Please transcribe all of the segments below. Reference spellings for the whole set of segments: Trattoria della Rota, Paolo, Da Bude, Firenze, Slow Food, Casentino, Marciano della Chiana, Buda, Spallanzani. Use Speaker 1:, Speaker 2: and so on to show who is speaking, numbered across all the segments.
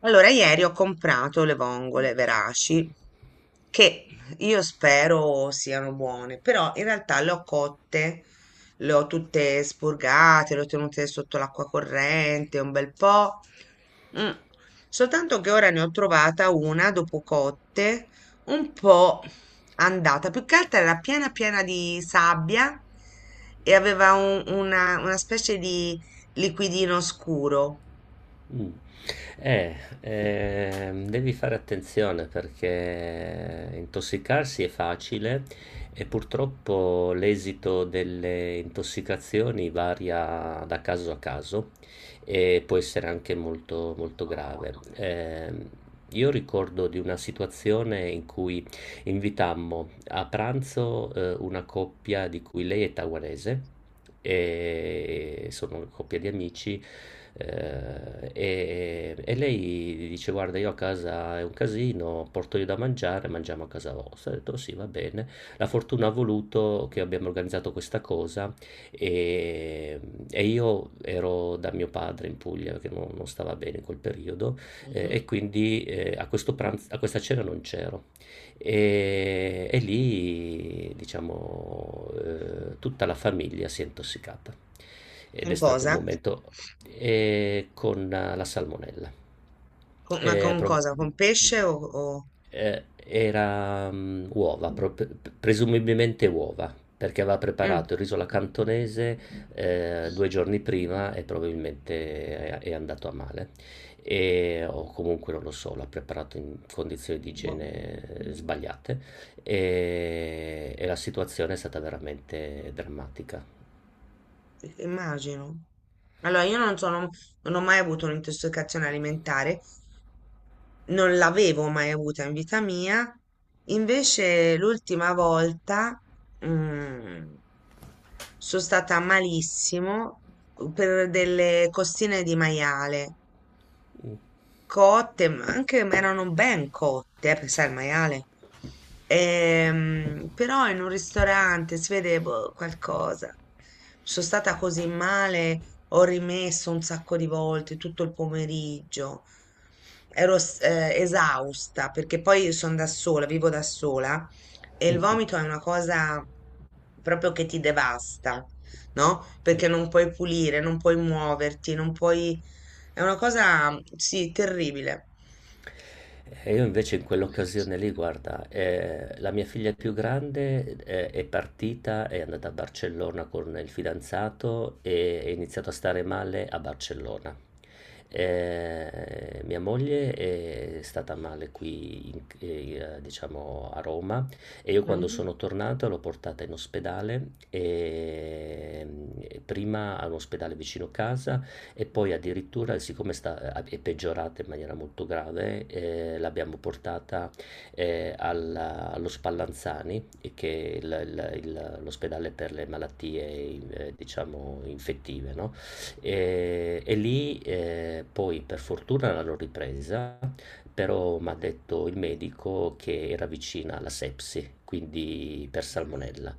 Speaker 1: Allora, ieri ho comprato le vongole veraci che io spero siano buone, però in realtà le ho cotte, le ho tutte spurgate, le ho tenute sotto l'acqua corrente un bel po'. mm. Soltanto che ora ne ho trovata una dopo cotte un po' andata, più che altro era piena di sabbia e aveva una specie di liquidino scuro.
Speaker 2: Mh. Eh, Devi fare attenzione perché intossicarsi è facile e purtroppo l'esito delle intossicazioni varia da caso a caso e può essere anche molto, molto grave. Io ricordo di una situazione in cui invitammo a pranzo, una coppia di cui lei è taiwanese e sono una coppia di amici. E lei dice: "Guarda, io a casa è un casino, porto io da mangiare, mangiamo a casa vostra." Ho detto: "Sì, va bene." La fortuna ha voluto che abbiamo organizzato questa cosa e, e io ero da mio padre in Puglia perché non stava bene in quel periodo
Speaker 1: Mhm.
Speaker 2: e quindi a questo pranzo, a questa cena non c'ero. E lì, diciamo, tutta la famiglia si è intossicata ed
Speaker 1: Con
Speaker 2: è stato un
Speaker 1: cosa?
Speaker 2: momento con la salmonella.
Speaker 1: Ma
Speaker 2: Eh,
Speaker 1: con
Speaker 2: prob-
Speaker 1: cosa? Con pesce o...
Speaker 2: eh, Era uova, presumibilmente uova, perché aveva
Speaker 1: Mm.
Speaker 2: preparato il riso alla cantonese due giorni prima e probabilmente è andato a male. E, o comunque non lo so, l'ha preparato in condizioni di
Speaker 1: Boh.
Speaker 2: igiene sbagliate e la situazione è stata veramente drammatica.
Speaker 1: Immagino. Allora, io non sono, non ho mai avuto un'intossicazione alimentare, non l'avevo mai avuta in vita mia. Invece, l'ultima volta, mm, sono stata malissimo per delle costine di maiale.
Speaker 2: Mm.
Speaker 1: Cotte, ma anche ma erano ben cotte, perché sai, il maiale. Però in un ristorante si vede boh, qualcosa. Sono stata così male, ho rimesso un sacco di volte tutto il pomeriggio. Ero esausta perché poi sono da sola, vivo da sola e il vomito è una cosa proprio che ti devasta, no? Perché non puoi pulire, non puoi muoverti, non puoi è una cosa, sì, terribile.
Speaker 2: E io invece in quell'occasione lì, guarda, la mia figlia più grande è partita, è andata a Barcellona con il fidanzato e è iniziato a stare male a Barcellona. Mia moglie è stata male qui, diciamo, a Roma e io quando
Speaker 1: Mhm.
Speaker 2: sono tornato l'ho portata in ospedale, prima all'ospedale vicino casa e poi addirittura, siccome è peggiorata in maniera molto grave, l'abbiamo portata allo Spallanzani, e che è l'ospedale per le malattie, diciamo, infettive, no? E lì poi per fortuna l'hanno ripresa, però mi ha detto il medico che era vicina alla sepsi, quindi per salmonella,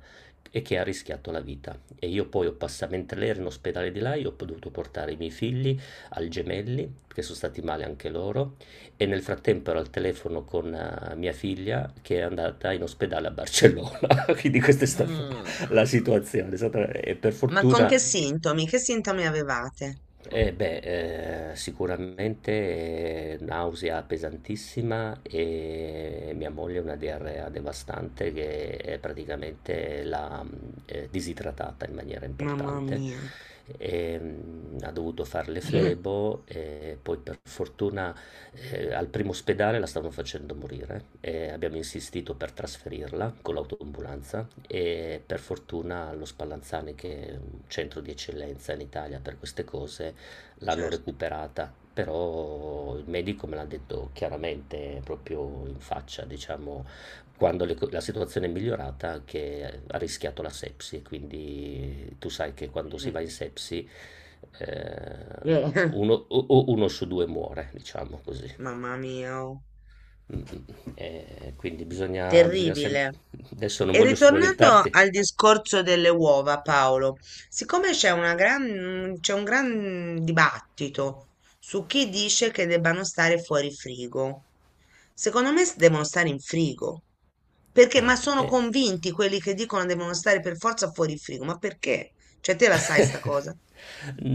Speaker 2: e che ha rischiato la vita. E io poi ho passato, mentre lei era in ospedale di là, io ho dovuto portare i miei figli al Gemelli, che sono stati male anche loro, e nel frattempo ero al telefono con mia figlia che è andata in ospedale a Barcellona. Quindi questa è stata
Speaker 1: Mm.
Speaker 2: la situazione. E per
Speaker 1: Ma con
Speaker 2: fortuna...
Speaker 1: che sintomi? Che sintomi avevate?
Speaker 2: Eh beh, sicuramente nausea pesantissima e mia moglie una diarrea devastante che praticamente l'ha disidratata in maniera
Speaker 1: Mamma
Speaker 2: importante.
Speaker 1: mia.
Speaker 2: E, ha dovuto fare le
Speaker 1: Mm.
Speaker 2: flebo e poi per fortuna al primo ospedale la stavano facendo morire e abbiamo insistito per trasferirla con l'autoambulanza e per fortuna lo Spallanzani, che è un centro di eccellenza in Italia per queste cose, l'hanno
Speaker 1: Certo.
Speaker 2: recuperata. Però il medico me l'ha detto chiaramente, proprio in faccia, diciamo, quando la situazione è migliorata, che ha rischiato la sepsi. Quindi tu sai che quando si
Speaker 1: Mm.
Speaker 2: va in sepsi, eh, uno, o uno su due muore, diciamo così.
Speaker 1: Mamma mia. Oh.
Speaker 2: Mm, mm. Quindi bisogna, bisogna
Speaker 1: Terribile.
Speaker 2: sempre... Adesso non
Speaker 1: E
Speaker 2: voglio
Speaker 1: ritornando
Speaker 2: spaventarti.
Speaker 1: al discorso delle uova, Paolo, siccome c'è una gran, c'è un gran dibattito su chi dice che debbano stare fuori frigo, secondo me devono stare in frigo, perché,
Speaker 2: Ah,
Speaker 1: ma sono
Speaker 2: eh.
Speaker 1: convinti quelli che dicono devono stare per forza fuori frigo, ma perché? Cioè, te la sai sta cosa?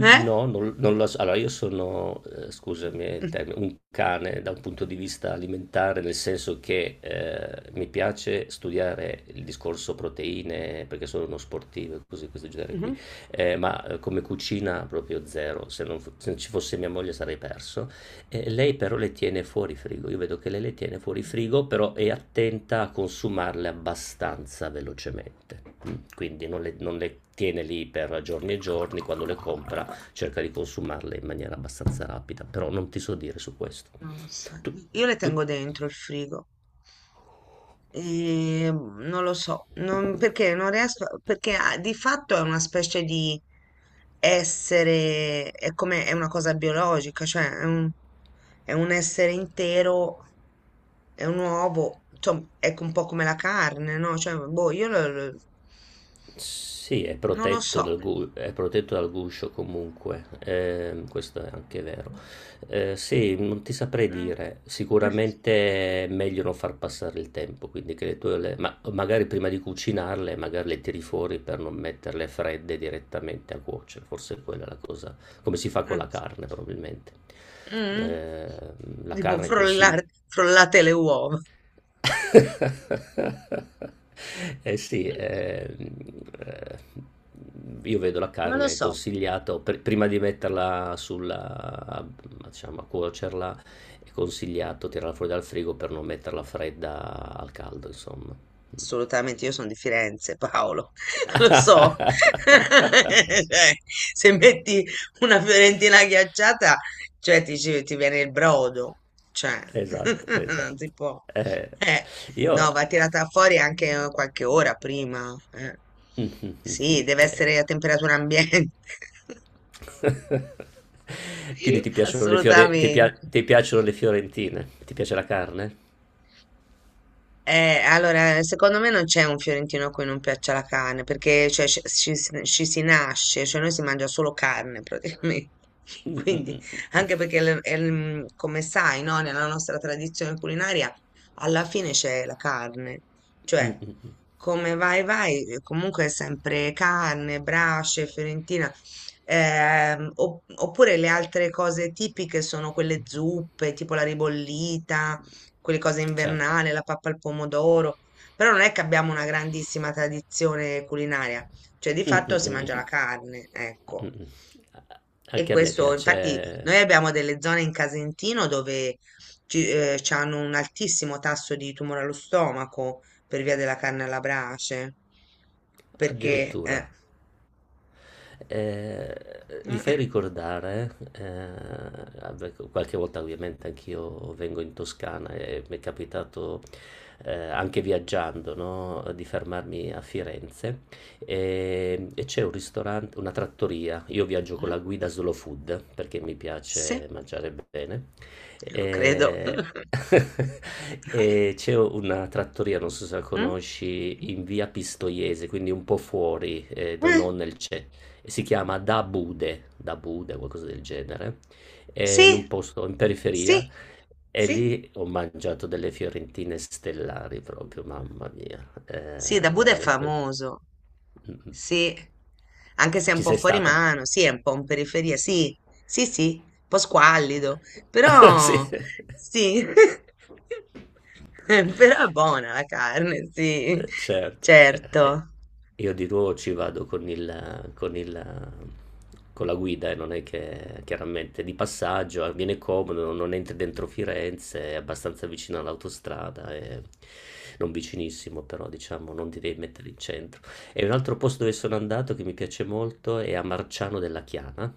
Speaker 1: Eh?
Speaker 2: non lo so. Allora, io sono, scusami il termine, un cane da un punto di vista alimentare, nel senso che mi piace studiare il discorso proteine, perché sono uno sportivo e cose di questo genere
Speaker 1: Mhm.
Speaker 2: qui. Ma come cucina proprio zero. Se non, se non ci fosse mia moglie sarei perso. Lei però le tiene fuori frigo, io vedo che lei le tiene fuori frigo, però è attenta a consumarle abbastanza velocemente, quindi non le tiene lì per giorni e giorni, quando le compra cerca di consumarle in maniera abbastanza rapida, però non ti so dire su questo.
Speaker 1: Non lo so.
Speaker 2: Tu,
Speaker 1: Io le
Speaker 2: tu,
Speaker 1: tengo dentro il frigo. E non lo so, non- perché non riesco, perché ah, di fatto è una specie di essere, è come, è una cosa biologica, cioè è un essere intero, è un uovo, insomma, è un po' come la carne, no? Cioè, boh, io
Speaker 2: Sì, è
Speaker 1: non lo
Speaker 2: protetto
Speaker 1: so.
Speaker 2: è protetto dal guscio comunque, questo è anche vero. Sì, non ti saprei
Speaker 1: Mm.
Speaker 2: dire, sicuramente è meglio non far passare il tempo, quindi che le tue, ma magari prima di cucinarle, magari le tiri fuori per non metterle fredde direttamente a cuocere, forse quella è la cosa, come si fa con
Speaker 1: Mm.
Speaker 2: la carne probabilmente.
Speaker 1: Mm.
Speaker 2: Eh, la
Speaker 1: Tipo
Speaker 2: carne consigli...
Speaker 1: frollare, frollate le uova.
Speaker 2: Eh sì, eh, io vedo la
Speaker 1: Non lo
Speaker 2: carne
Speaker 1: so.
Speaker 2: consigliata, prima di metterla sulla, diciamo, a cuocerla, è consigliato tirarla fuori dal frigo per non metterla fredda al caldo, insomma.
Speaker 1: Assolutamente, io sono di Firenze, Paolo, lo so. Cioè, se metti una fiorentina ghiacciata, cioè ti, ti viene il brodo, cioè,
Speaker 2: Esatto,
Speaker 1: non si
Speaker 2: esatto.
Speaker 1: può.
Speaker 2: Eh,
Speaker 1: Eh,
Speaker 2: io...
Speaker 1: no, va tirata fuori anche qualche ora prima. Eh. Sì, deve essere a temperatura ambiente,
Speaker 2: Quindi ti piacciono le
Speaker 1: assolutamente.
Speaker 2: ti piacciono le fiorentine? Ti piace la carne?
Speaker 1: Allora, secondo me non c'è un fiorentino a cui non piaccia la carne, perché cioè, ci, ci si nasce, cioè noi si mangia solo carne praticamente.
Speaker 2: Mm, mm,
Speaker 1: Quindi,
Speaker 2: mm, mm,
Speaker 1: anche perché, come sai, no, nella nostra tradizione culinaria, alla fine c'è la carne.
Speaker 2: mm,
Speaker 1: Cioè,
Speaker 2: mm, mm.
Speaker 1: come vai, vai, comunque è sempre carne, brace, fiorentina. Oppure le altre cose tipiche sono quelle zuppe, tipo la ribollita quelle cose
Speaker 2: Certo.
Speaker 1: invernali, la pappa al pomodoro, però non è che abbiamo una grandissima tradizione culinaria, cioè di
Speaker 2: Mm,
Speaker 1: fatto
Speaker 2: mm,
Speaker 1: si mangia la
Speaker 2: mm,
Speaker 1: carne,
Speaker 2: mm,
Speaker 1: ecco.
Speaker 2: mm.
Speaker 1: E
Speaker 2: Anche a me
Speaker 1: questo, infatti,
Speaker 2: piace.
Speaker 1: noi abbiamo delle zone in Casentino dove ci, ci hanno un altissimo tasso di tumore allo stomaco per via della carne alla brace, perché,
Speaker 2: Addirittura. Eh, Vi fai ricordare, vabbè, qualche volta ovviamente anch'io vengo in Toscana e mi è capitato anche viaggiando, no, di fermarmi a Firenze e c'è un ristorante, una trattoria. Io viaggio con
Speaker 1: Mm?
Speaker 2: la guida Slow Food perché mi
Speaker 1: Sì,
Speaker 2: piace mangiare bene.
Speaker 1: lo credo.
Speaker 2: E... E c'è una trattoria, non so se la
Speaker 1: Mm?
Speaker 2: conosci, in via Pistoiese, quindi un po' fuori,
Speaker 1: Eh,
Speaker 2: non nel centro e si chiama Da Bude, Da Bude, qualcosa del genere, è
Speaker 1: Sì,
Speaker 2: in un posto in
Speaker 1: sì,
Speaker 2: periferia e
Speaker 1: sì.
Speaker 2: lì ho mangiato delle fiorentine stellari proprio, mamma mia,
Speaker 1: Sì, da Buda è
Speaker 2: veramente.
Speaker 1: famoso,
Speaker 2: Mm, mm.
Speaker 1: sì, anche se è un
Speaker 2: Ci
Speaker 1: po'
Speaker 2: sei
Speaker 1: fuori
Speaker 2: stata?
Speaker 1: mano, sì, è un po' in periferia, sì, sì, sì, un po' squallido,
Speaker 2: Sì.
Speaker 1: però sì, però è buona la carne, sì,
Speaker 2: Certo, eh, eh.
Speaker 1: certo.
Speaker 2: Io di nuovo ci vado con il, con la guida e non è che chiaramente di passaggio, viene comodo, non entri dentro Firenze, è abbastanza vicino all'autostrada, non vicinissimo però diciamo, non ti devi mettere in centro. E un altro posto dove sono andato che mi piace molto è a Marciano della Chiana.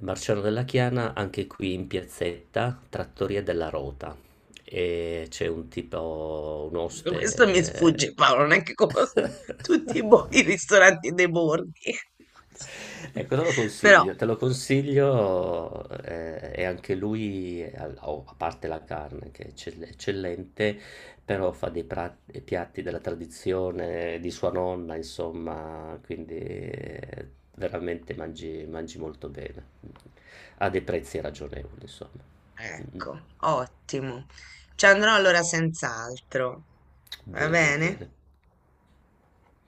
Speaker 2: Marciano della Chiana, anche qui in piazzetta, Trattoria della Rota, e c'è un tipo, un
Speaker 1: Questo mi
Speaker 2: oste.
Speaker 1: sfugge, Paolo, non è che conosco tutti i, i ristoranti dei borghi.
Speaker 2: Ecco,
Speaker 1: Però,
Speaker 2: te lo consiglio e anche lui, oh, a parte la carne che è eccellente, però fa dei piatti della tradizione di sua nonna, insomma, quindi veramente mangi, mangi molto bene, a dei prezzi ragionevoli, insomma. Mm.
Speaker 1: ecco, ottimo. Ci andrò allora senz'altro. Va
Speaker 2: Bene, bene.
Speaker 1: bene?